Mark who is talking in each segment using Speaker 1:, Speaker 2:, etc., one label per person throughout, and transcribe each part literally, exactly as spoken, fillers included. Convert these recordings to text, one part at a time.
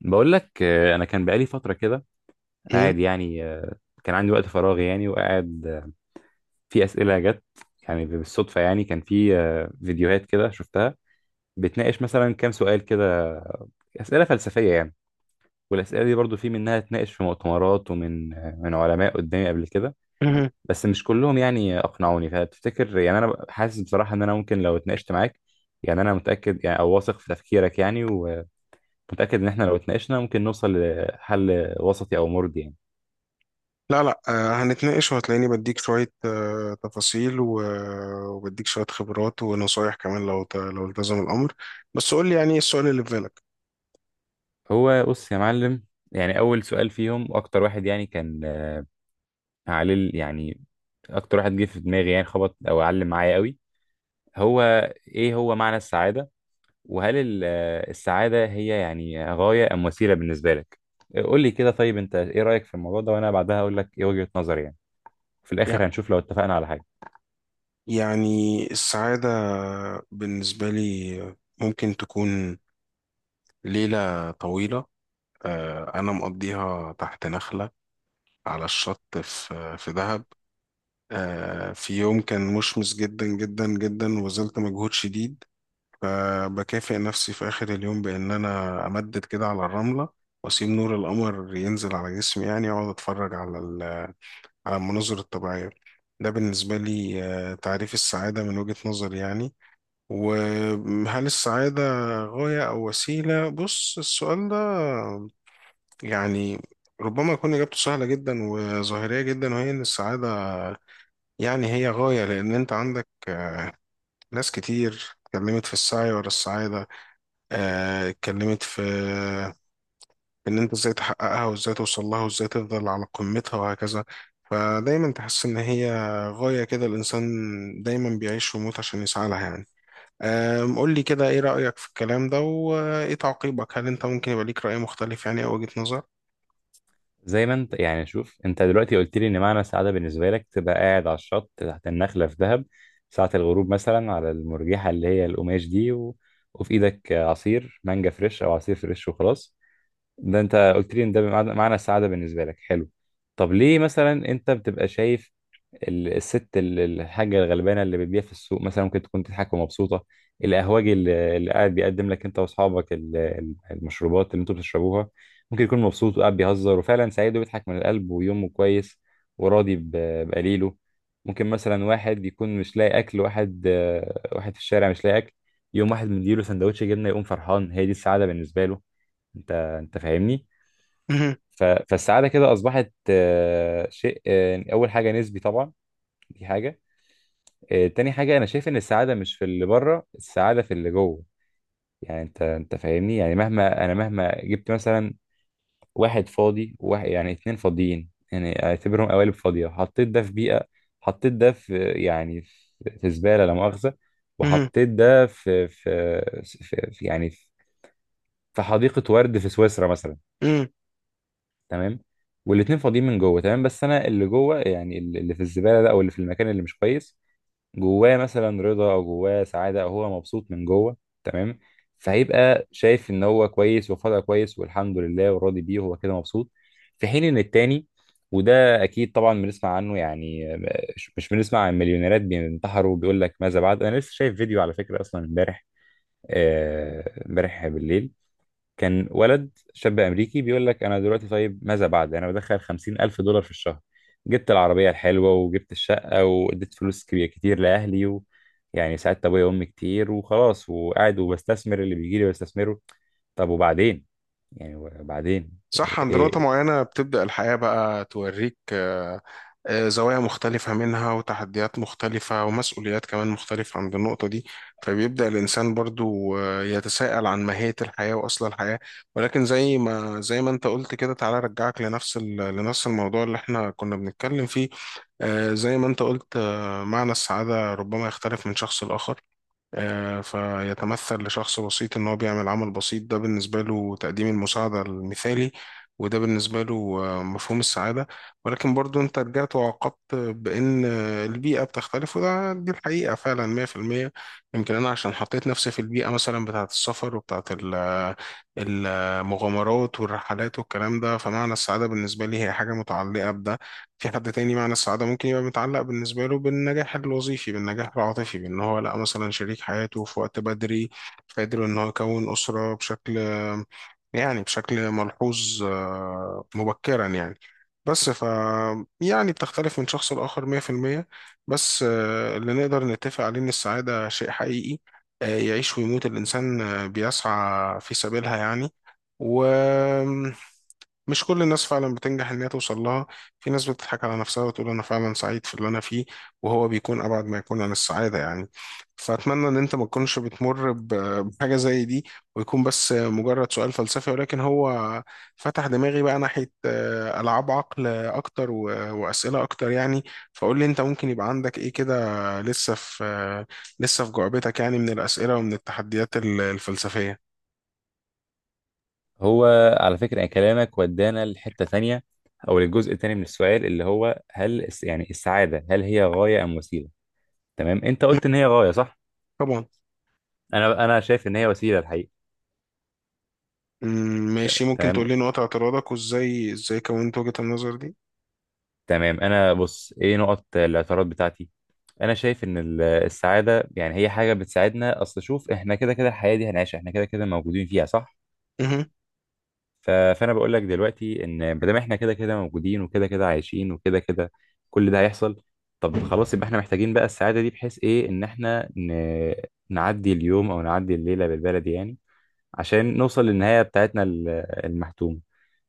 Speaker 1: بقول لك، آه، انا كان بقالي فتره كده
Speaker 2: مم.
Speaker 1: قاعد يعني، آه، كان عندي وقت فراغ يعني وقاعد، آه، في اسئله جت يعني بالصدفه. يعني كان في آه، فيديوهات كده شفتها بتناقش مثلا كام سؤال كده، اسئله فلسفيه يعني. والاسئله دي برضو في منها اتناقش في مؤتمرات ومن آه، من علماء قدامي قبل كده.
Speaker 2: مهم.
Speaker 1: بس مش كلهم يعني اقنعوني. فتفتكر يعني انا حاسس بصراحه ان انا ممكن لو اتناقشت معاك، يعني انا متاكد يعني او واثق في تفكيرك يعني ومتاكد ان احنا لو اتناقشنا ممكن نوصل لحل وسطي او مرضي يعني.
Speaker 2: لا لا آه، هنتناقش وهتلاقيني بديك شوية آه، تفاصيل و- وبديك شوية خبرات ونصايح كمان، لو ت- لو التزم الأمر. بس قول لي يعني إيه السؤال اللي في بالك؟
Speaker 1: هو بص يا معلم، يعني اول سؤال فيهم اكتر واحد يعني كان، آه، عليه ال- يعني اكتر واحد جه في دماغي يعني خبط او علم معايا قوي. هو ايه هو معنى السعاده؟ وهل ال- آه، السعاده هي يعني غايه ام وسيله بالنسبه لك؟ آه، قول لي كده. طيب انت ايه رايك في الموضوع ده؟ وانا بعدها اقول لك ايه وجهه نظري يعني. في
Speaker 2: يع-
Speaker 1: الاخر هنشوف لو اتفقنا على حاجه.
Speaker 2: يعني السعادة بالنسبة لي ممكن تكون ليلة طويلة، آه، أنا مقضيها تحت نخلة على الشط في في دهب، آه، في يوم كان مشمس جدا جدا جدا وبذلت مجهود شديد، فبكافئ نفسي في آخر اليوم بإن أنا أمدد كده على الرملة وأسيب نور القمر ينزل على جسمي يعني، وأقعد أتفرج على ال- على المناظر الطبيعية. ده بالنسبة لي آه، تعريف السعادة من وجهة نظري يعني. وهل السعادة غاية أو وسيلة؟ بص السؤال ده يعني ربما يكون إجابته سهلة جدا وظاهرية جدا، وهي إن السعادة يعني هي غاية، لأن أنت عندك ناس كتير اتكلمت في السعي ورا السعادة. آه، اتكلمت في في ان انت ازاي تحققها وازاي توصل لها وازاي تفضل على قمتها وهكذا، فدايما تحس ان هي غاية كده. الانسان دايما بيعيش ويموت عشان يسعى لها يعني. آم، قول لي كده ايه رأيك في الكلام ده وايه تعقيبك؟ هل انت ممكن يبقى ليك رأي مختلف يعني او وجهة نظر؟
Speaker 1: زي ما انت يعني، شوف انت دلوقتي قلت لي ان معنى السعاده بالنسبه لك تبقى قاعد على الشط تحت النخله في دهب ساعه الغروب مثلا، على المرجحه اللي هي القماش دي، و... وفي ايدك عصير مانجا فريش او عصير فريش وخلاص. ده انت قلت لي ان ده بمعنى- معنى السعاده بالنسبه لك. حلو. طب ليه مثلا انت بتبقى شايف ال- الست ال- الحاجة الغلبانة اللي بتبيع في السوق مثلا ممكن تكون تضحك ومبسوطة؟ القهوجي اللي اللي قاعد بيقدم لك انت واصحابك ال- ال- المشروبات اللي انتوا بتشربوها ممكن يكون مبسوط وقاعد بيهزر وفعلا سعيد وبيضحك من القلب ويومه كويس وراضي ب- بقليله. ممكن مثلا واحد يكون مش لاقي اكل، واحد، آه، واحد في الشارع مش لاقي اكل، يوم واحد مديله سندوتش جبنة يقوم فرحان، هي دي السعادة بالنسبة له. انت انت فاهمني. ف- فالسعادة كده اصبحت، آه، شيء، آه، يعني اول حاجة نسبي طبعا، دي حاجة. آه، تاني حاجة، أنا شايف إن السعادة مش في اللي بره، السعادة في اللي جوه. يعني أنت أنت فاهمني، يعني مهما أنا مهما جبت مثلا واحد فاضي وواحد، يعني اتنين فاضيين، يعني أعتبرهم قوالب فاضية، حطيت ده في بيئة، حطيت ده في يعني في في زبالة لا مؤاخذة، وحطيت ده في في, في, في يعني في في حديقة ورد في سويسرا مثلا. تمام. والاتنين فاضيين من جوه. تمام. بس أنا اللي جوه، يعني اللي اللي في الزبالة ده أو اللي في المكان اللي مش كويس، جواه مثلا رضا او جواه سعاده او هو مبسوط من جوه. تمام. فهيبقى شايف ان هو كويس وفضل كويس والحمد لله وراضي بيه وهو كده مبسوط، في حين ان التاني، وده اكيد طبعا بنسمع عنه يعني. مش مش بنسمع عن مليونيرات بينتحروا وبيقول لك ماذا بعد؟ انا لسه شايف فيديو على فكره اصلا امبارح، آه، امبارح بالليل، كان ولد شاب امريكي بيقول لك انا دلوقتي طيب ماذا بعد؟ انا بدخل خمسين الف دولار في الشهر، جبت العربيه الحلوه وجبت الشقه واديت فلوس كبيره كتير لاهلي، و... يعني ساعدت ابويا وامي كتير وخلاص، وقاعد وبستثمر اللي بيجي لي بستثمره. طب وبعدين؟ يعني وبعدين؟
Speaker 2: صح، عند
Speaker 1: إيه.
Speaker 2: نقطة معينة بتبدأ الحياة بقى توريك آه، آه، زوايا مختلفة منها وتحديات مختلفة ومسؤوليات كمان مختلفة عند النقطة دي، فبيبدأ الإنسان برضو آه، يتساءل عن ماهية الحياة وأصل الحياة. ولكن زي ما زي ما أنت قلت كده، تعالى أرجعك لنفس ال- لنفس الموضوع اللي إحنا كنا بنتكلم فيه. آه، زي ما أنت قلت، آه، معنى السعادة ربما يختلف من شخص لآخر، آه، فيتمثل لشخص بسيط إن هو بيعمل عمل بسيط، ده بالنسبة له تقديم المساعدة المثالي، وده بالنسبة له آه، مفهوم السعادة. ولكن برضو أنت رجعت وعقدت بإن آه، البيئة بتختلف، وده دي الحقيقة فعلا مية في المية. يمكن أنا عشان حطيت نفسي في البيئة مثلا بتاعة السفر وبتاعة ال- المغامرات والرحلات والكلام ده، فمعنى السعادة بالنسبة لي هي حاجة متعلقة بده. في حد تاني معنى السعادة ممكن يبقى متعلق بالنسبة له بالنجاح الوظيفي، بالنجاح العاطفي، بأن هو لقى مثلا شريك حياته في وقت بدري، فقدر أن هو يكون أسرة بشكل يعني بشكل ملحوظ، آه، مبكرا يعني. بس ف يعني بتختلف من شخص لآخر مية في المية. بس آه، اللي نقدر نتفق عليه إن السعادة شيء حقيقي، آه، يعيش ويموت الإنسان آه، بيسعى في سبيلها يعني. و مش كل الناس فعلا بتنجح ان هي توصل لها. في ناس بتضحك على نفسها وتقول انا فعلا سعيد في اللي انا فيه، وهو بيكون ابعد ما يكون عن السعاده يعني. فاتمنى ان انت ما تكونش بتمر ب- بحاجه زي دي، ويكون بس مجرد سؤال فلسفي. ولكن هو فتح دماغي بقى ناحيه آه، العاب عقل اكتر و- واسئله اكتر يعني. فقول لي انت ممكن يبقى عندك ايه كده؟ لسه في آه، لسه في جعبتك يعني من الاسئله ومن التحديات ال- الفلسفيه؟
Speaker 1: هو على فكره يعني كلامك ودانا لحته ثانيه او للجزء الثاني من السؤال اللي هو هل الس- يعني السعاده هل هي غايه ام وسيله. تمام. انت
Speaker 2: مم.
Speaker 1: قلت ان هي غايه صح.
Speaker 2: طبعا.
Speaker 1: انا انا شايف ان هي وسيله الحقيقه.
Speaker 2: مم، ماشي، ممكن تقول
Speaker 1: تمام.
Speaker 2: لي نقاط اعتراضك، وازاي ازاي كونت وجهة النظر دي؟
Speaker 1: تمام، انا بص ايه نقط الاعتراض بتاعتي. انا شايف ان ال- السعاده يعني هي حاجه بتساعدنا. اصل شوف احنا كده كده الحياه دي هنعيشها، احنا كده كده موجودين فيها صح؟
Speaker 2: مهم.
Speaker 1: ف- فانا بقول لك دلوقتي ان ما دام احنا كده كده موجودين وكده كده عايشين وكده كده، كل ده هيحصل. طب خلاص، يبقى احنا محتاجين بقى السعاده دي بحيث ايه، ان احنا ن... نعدي اليوم او نعدي الليله بالبلدي يعني، عشان نوصل للنهايه بتاعتنا ال- المحتومه.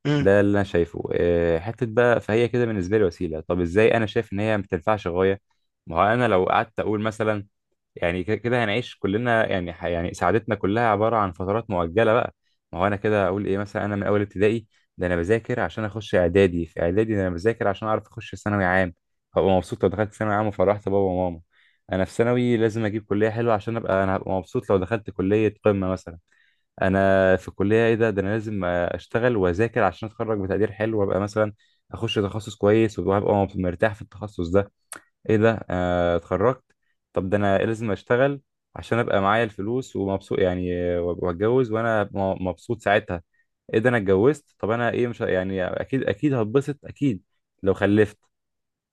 Speaker 2: مم،
Speaker 1: ده اللي انا شايفه، آه، حته بقى. فهي كده بالنسبه لي وسيله. طب ازاي انا شايف ان هي ما تنفعش غايه؟ ما هو انا لو قعدت اقول مثلا، يعني ك- كده هنعيش كلنا يعني ح- يعني سعادتنا كلها عباره عن فترات مؤجله بقى. ما هو انا كده اقول ايه مثلا، انا من اول ابتدائي ده انا بذاكر عشان اخش اعدادي، في اعدادي ده انا بذاكر عشان اعرف اخش ثانوي عام، هبقى مبسوط لو دخلت ثانوي عام وفرحت بابا وماما. انا في ثانوي لازم اجيب كليه حلوه عشان ابقى، انا هبقى مبسوط لو دخلت كليه قمه مثلا. انا في الكليه ايه ده، ده انا لازم اشتغل واذاكر عشان اتخرج بتقدير حلو وابقى مثلا اخش تخصص كويس وابقى مرتاح في التخصص ده. ايه ده، آه، اتخرجت. طب ده انا لازم اشتغل عشان ابقى معايا الفلوس ومبسوط يعني، آه، واتجوز وانا م- مبسوط ساعتها. ايه ده، انا اتجوزت. طب انا ايه، مش ه- يعني اكيد اكيد هتبسط اكيد لو خلفت.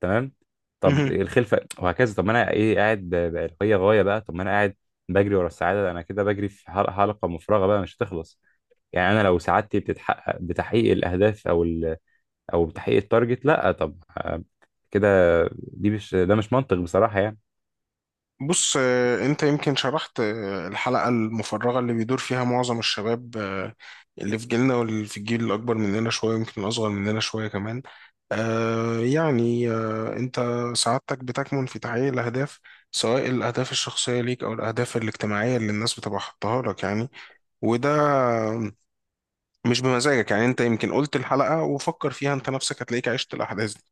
Speaker 1: تمام. طب
Speaker 2: مهم.
Speaker 1: الخلفه وهكذا. طب ما انا ايه قاعد ب- بأريحية غايه بقى. طب ما انا قاعد بجري ورا السعاده، انا كده بجري في حلقه، حلقة مفرغه بقى مش هتخلص. يعني انا لو سعادتي بتتحقق بتحقيق الاهداف او ال... او بتحقيق التارجت، لا. طب آه، كده، دي مش، ده مش منطق بصراحه يعني.
Speaker 2: بص، آه، انت يمكن شرحت آه، الحلقة المفرغة اللي بيدور فيها معظم الشباب، آه، اللي في جيلنا واللي في الجيل الأكبر مننا شوية ويمكن الأصغر مننا شوية كمان. آه، يعني آه، انت سعادتك بتكمن في تحقيق الأهداف، سواء الأهداف الشخصية ليك أو الأهداف الاجتماعية اللي الناس بتبقى حاطاها لك يعني، وده مش بمزاجك يعني. انت يمكن قلت الحلقة وفكر فيها انت نفسك، هتلاقيك عشت الأحداث دي.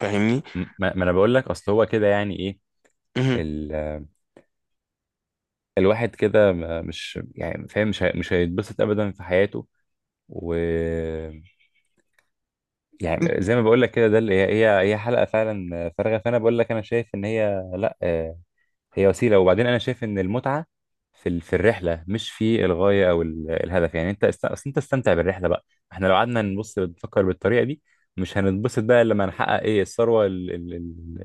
Speaker 2: فاهمني؟
Speaker 1: م- ما ما انا بقول لك اصل هو كده يعني ايه،
Speaker 2: مهم.
Speaker 1: ال... آه، الواحد كده ما- مش يعني فاهم، مش هي... مش هيتبسط ابدا في حياته، و، يعني زي ما بقول لك كده، ده اللي هي هي هي حلقه فعلا فارغه. فانا بقول لك انا شايف ان هي لا، آه، هي وسيله. وبعدين انا شايف ان المتعه في ال- في الرحله مش في الغايه او ال- الهدف يعني. انت است... أصل انت استمتع بالرحله بقى. احنا لو قعدنا نبص نفكر بالطريقه دي مش هنتبسط بقى لما نحقق ايه الثروه ال... ال... ال-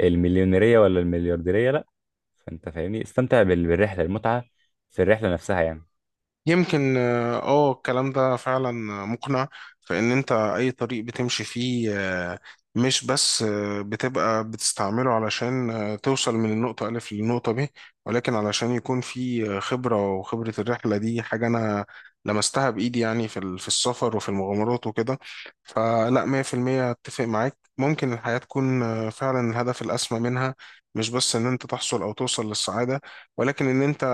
Speaker 1: المليونيريه ولا المليارديريه، لا. فانت فاهمني، استمتع بال- بالرحله، المتعه في الرحله نفسها يعني.
Speaker 2: يمكن اه آه، الكلام ده فعلا مقنع، فإن أنت أي طريق بتمشي فيه آه، مش بس آه، بتبقى بتستعمله علشان آه، توصل من النقطة ألف للنقطة ب، ولكن علشان يكون في آه، خبرة، وخبرة الرحلة دي حاجة أنا لمستها بإيدي يعني في ال- في السفر وفي المغامرات وكده. فلا مية في المية أتفق معاك، ممكن الحياة تكون آه، فعلا الهدف الأسمى منها مش بس إن أنت تحصل أو توصل للسعادة، ولكن إن أنت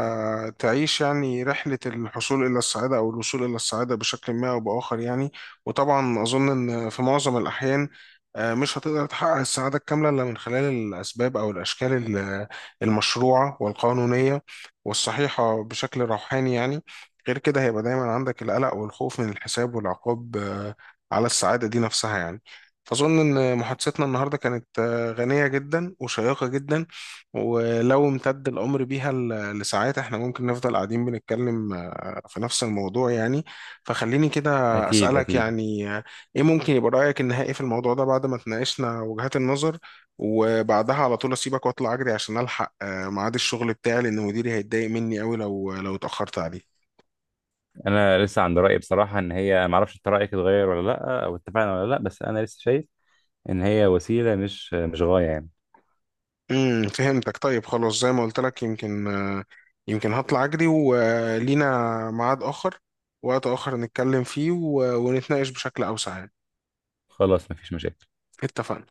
Speaker 2: تعيش يعني رحلة الحصول إلى السعادة أو الوصول إلى السعادة بشكل ما أو بآخر يعني. وطبعا أظن إن في معظم الأحيان آه، مش هتقدر تحقق السعادة الكاملة إلا من خلال الأسباب أو الأشكال ال- المشروعة والقانونية والصحيحة بشكل روحاني يعني. غير كده هيبقى دايما عندك القلق والخوف من الحساب والعقاب، آه، على السعادة دي نفسها يعني. فأظن إن محادثتنا النهاردة كانت آه، غنية جدا وشيقة جدا، ولو امتد الأمر بيها ل- لساعات احنا ممكن نفضل قاعدين بنتكلم آه، في نفس الموضوع يعني. فخليني كده
Speaker 1: اكيد
Speaker 2: أسألك
Speaker 1: اكيد.
Speaker 2: يعني، آه، ايه ممكن يبقى رأيك النهائي في الموضوع ده بعد ما تناقشنا وجهات النظر، وبعدها على طول أسيبك وأطلع أجري عشان ألحق آه، ميعاد الشغل بتاعي، لأن مديري هيتضايق مني أوي لو لو اتأخرت عليه.
Speaker 1: انا لسه عند رايي بصراحه ان هي، ما اعرفش انت رايك اتغير ولا لا او اتفقنا ولا لا، بس انا لسه شايف ان هي وسيله مش مش غايه يعني.
Speaker 2: امم فهمتك. طيب خلاص، زي ما قلت لك يمكن، آه، يمكن هطلع أجري ولينا ميعاد آخر، وقت آخر نتكلم فيه و- ونتناقش بشكل أوسع يعني.
Speaker 1: خلاص مفيش مشاكل.
Speaker 2: اتفقنا.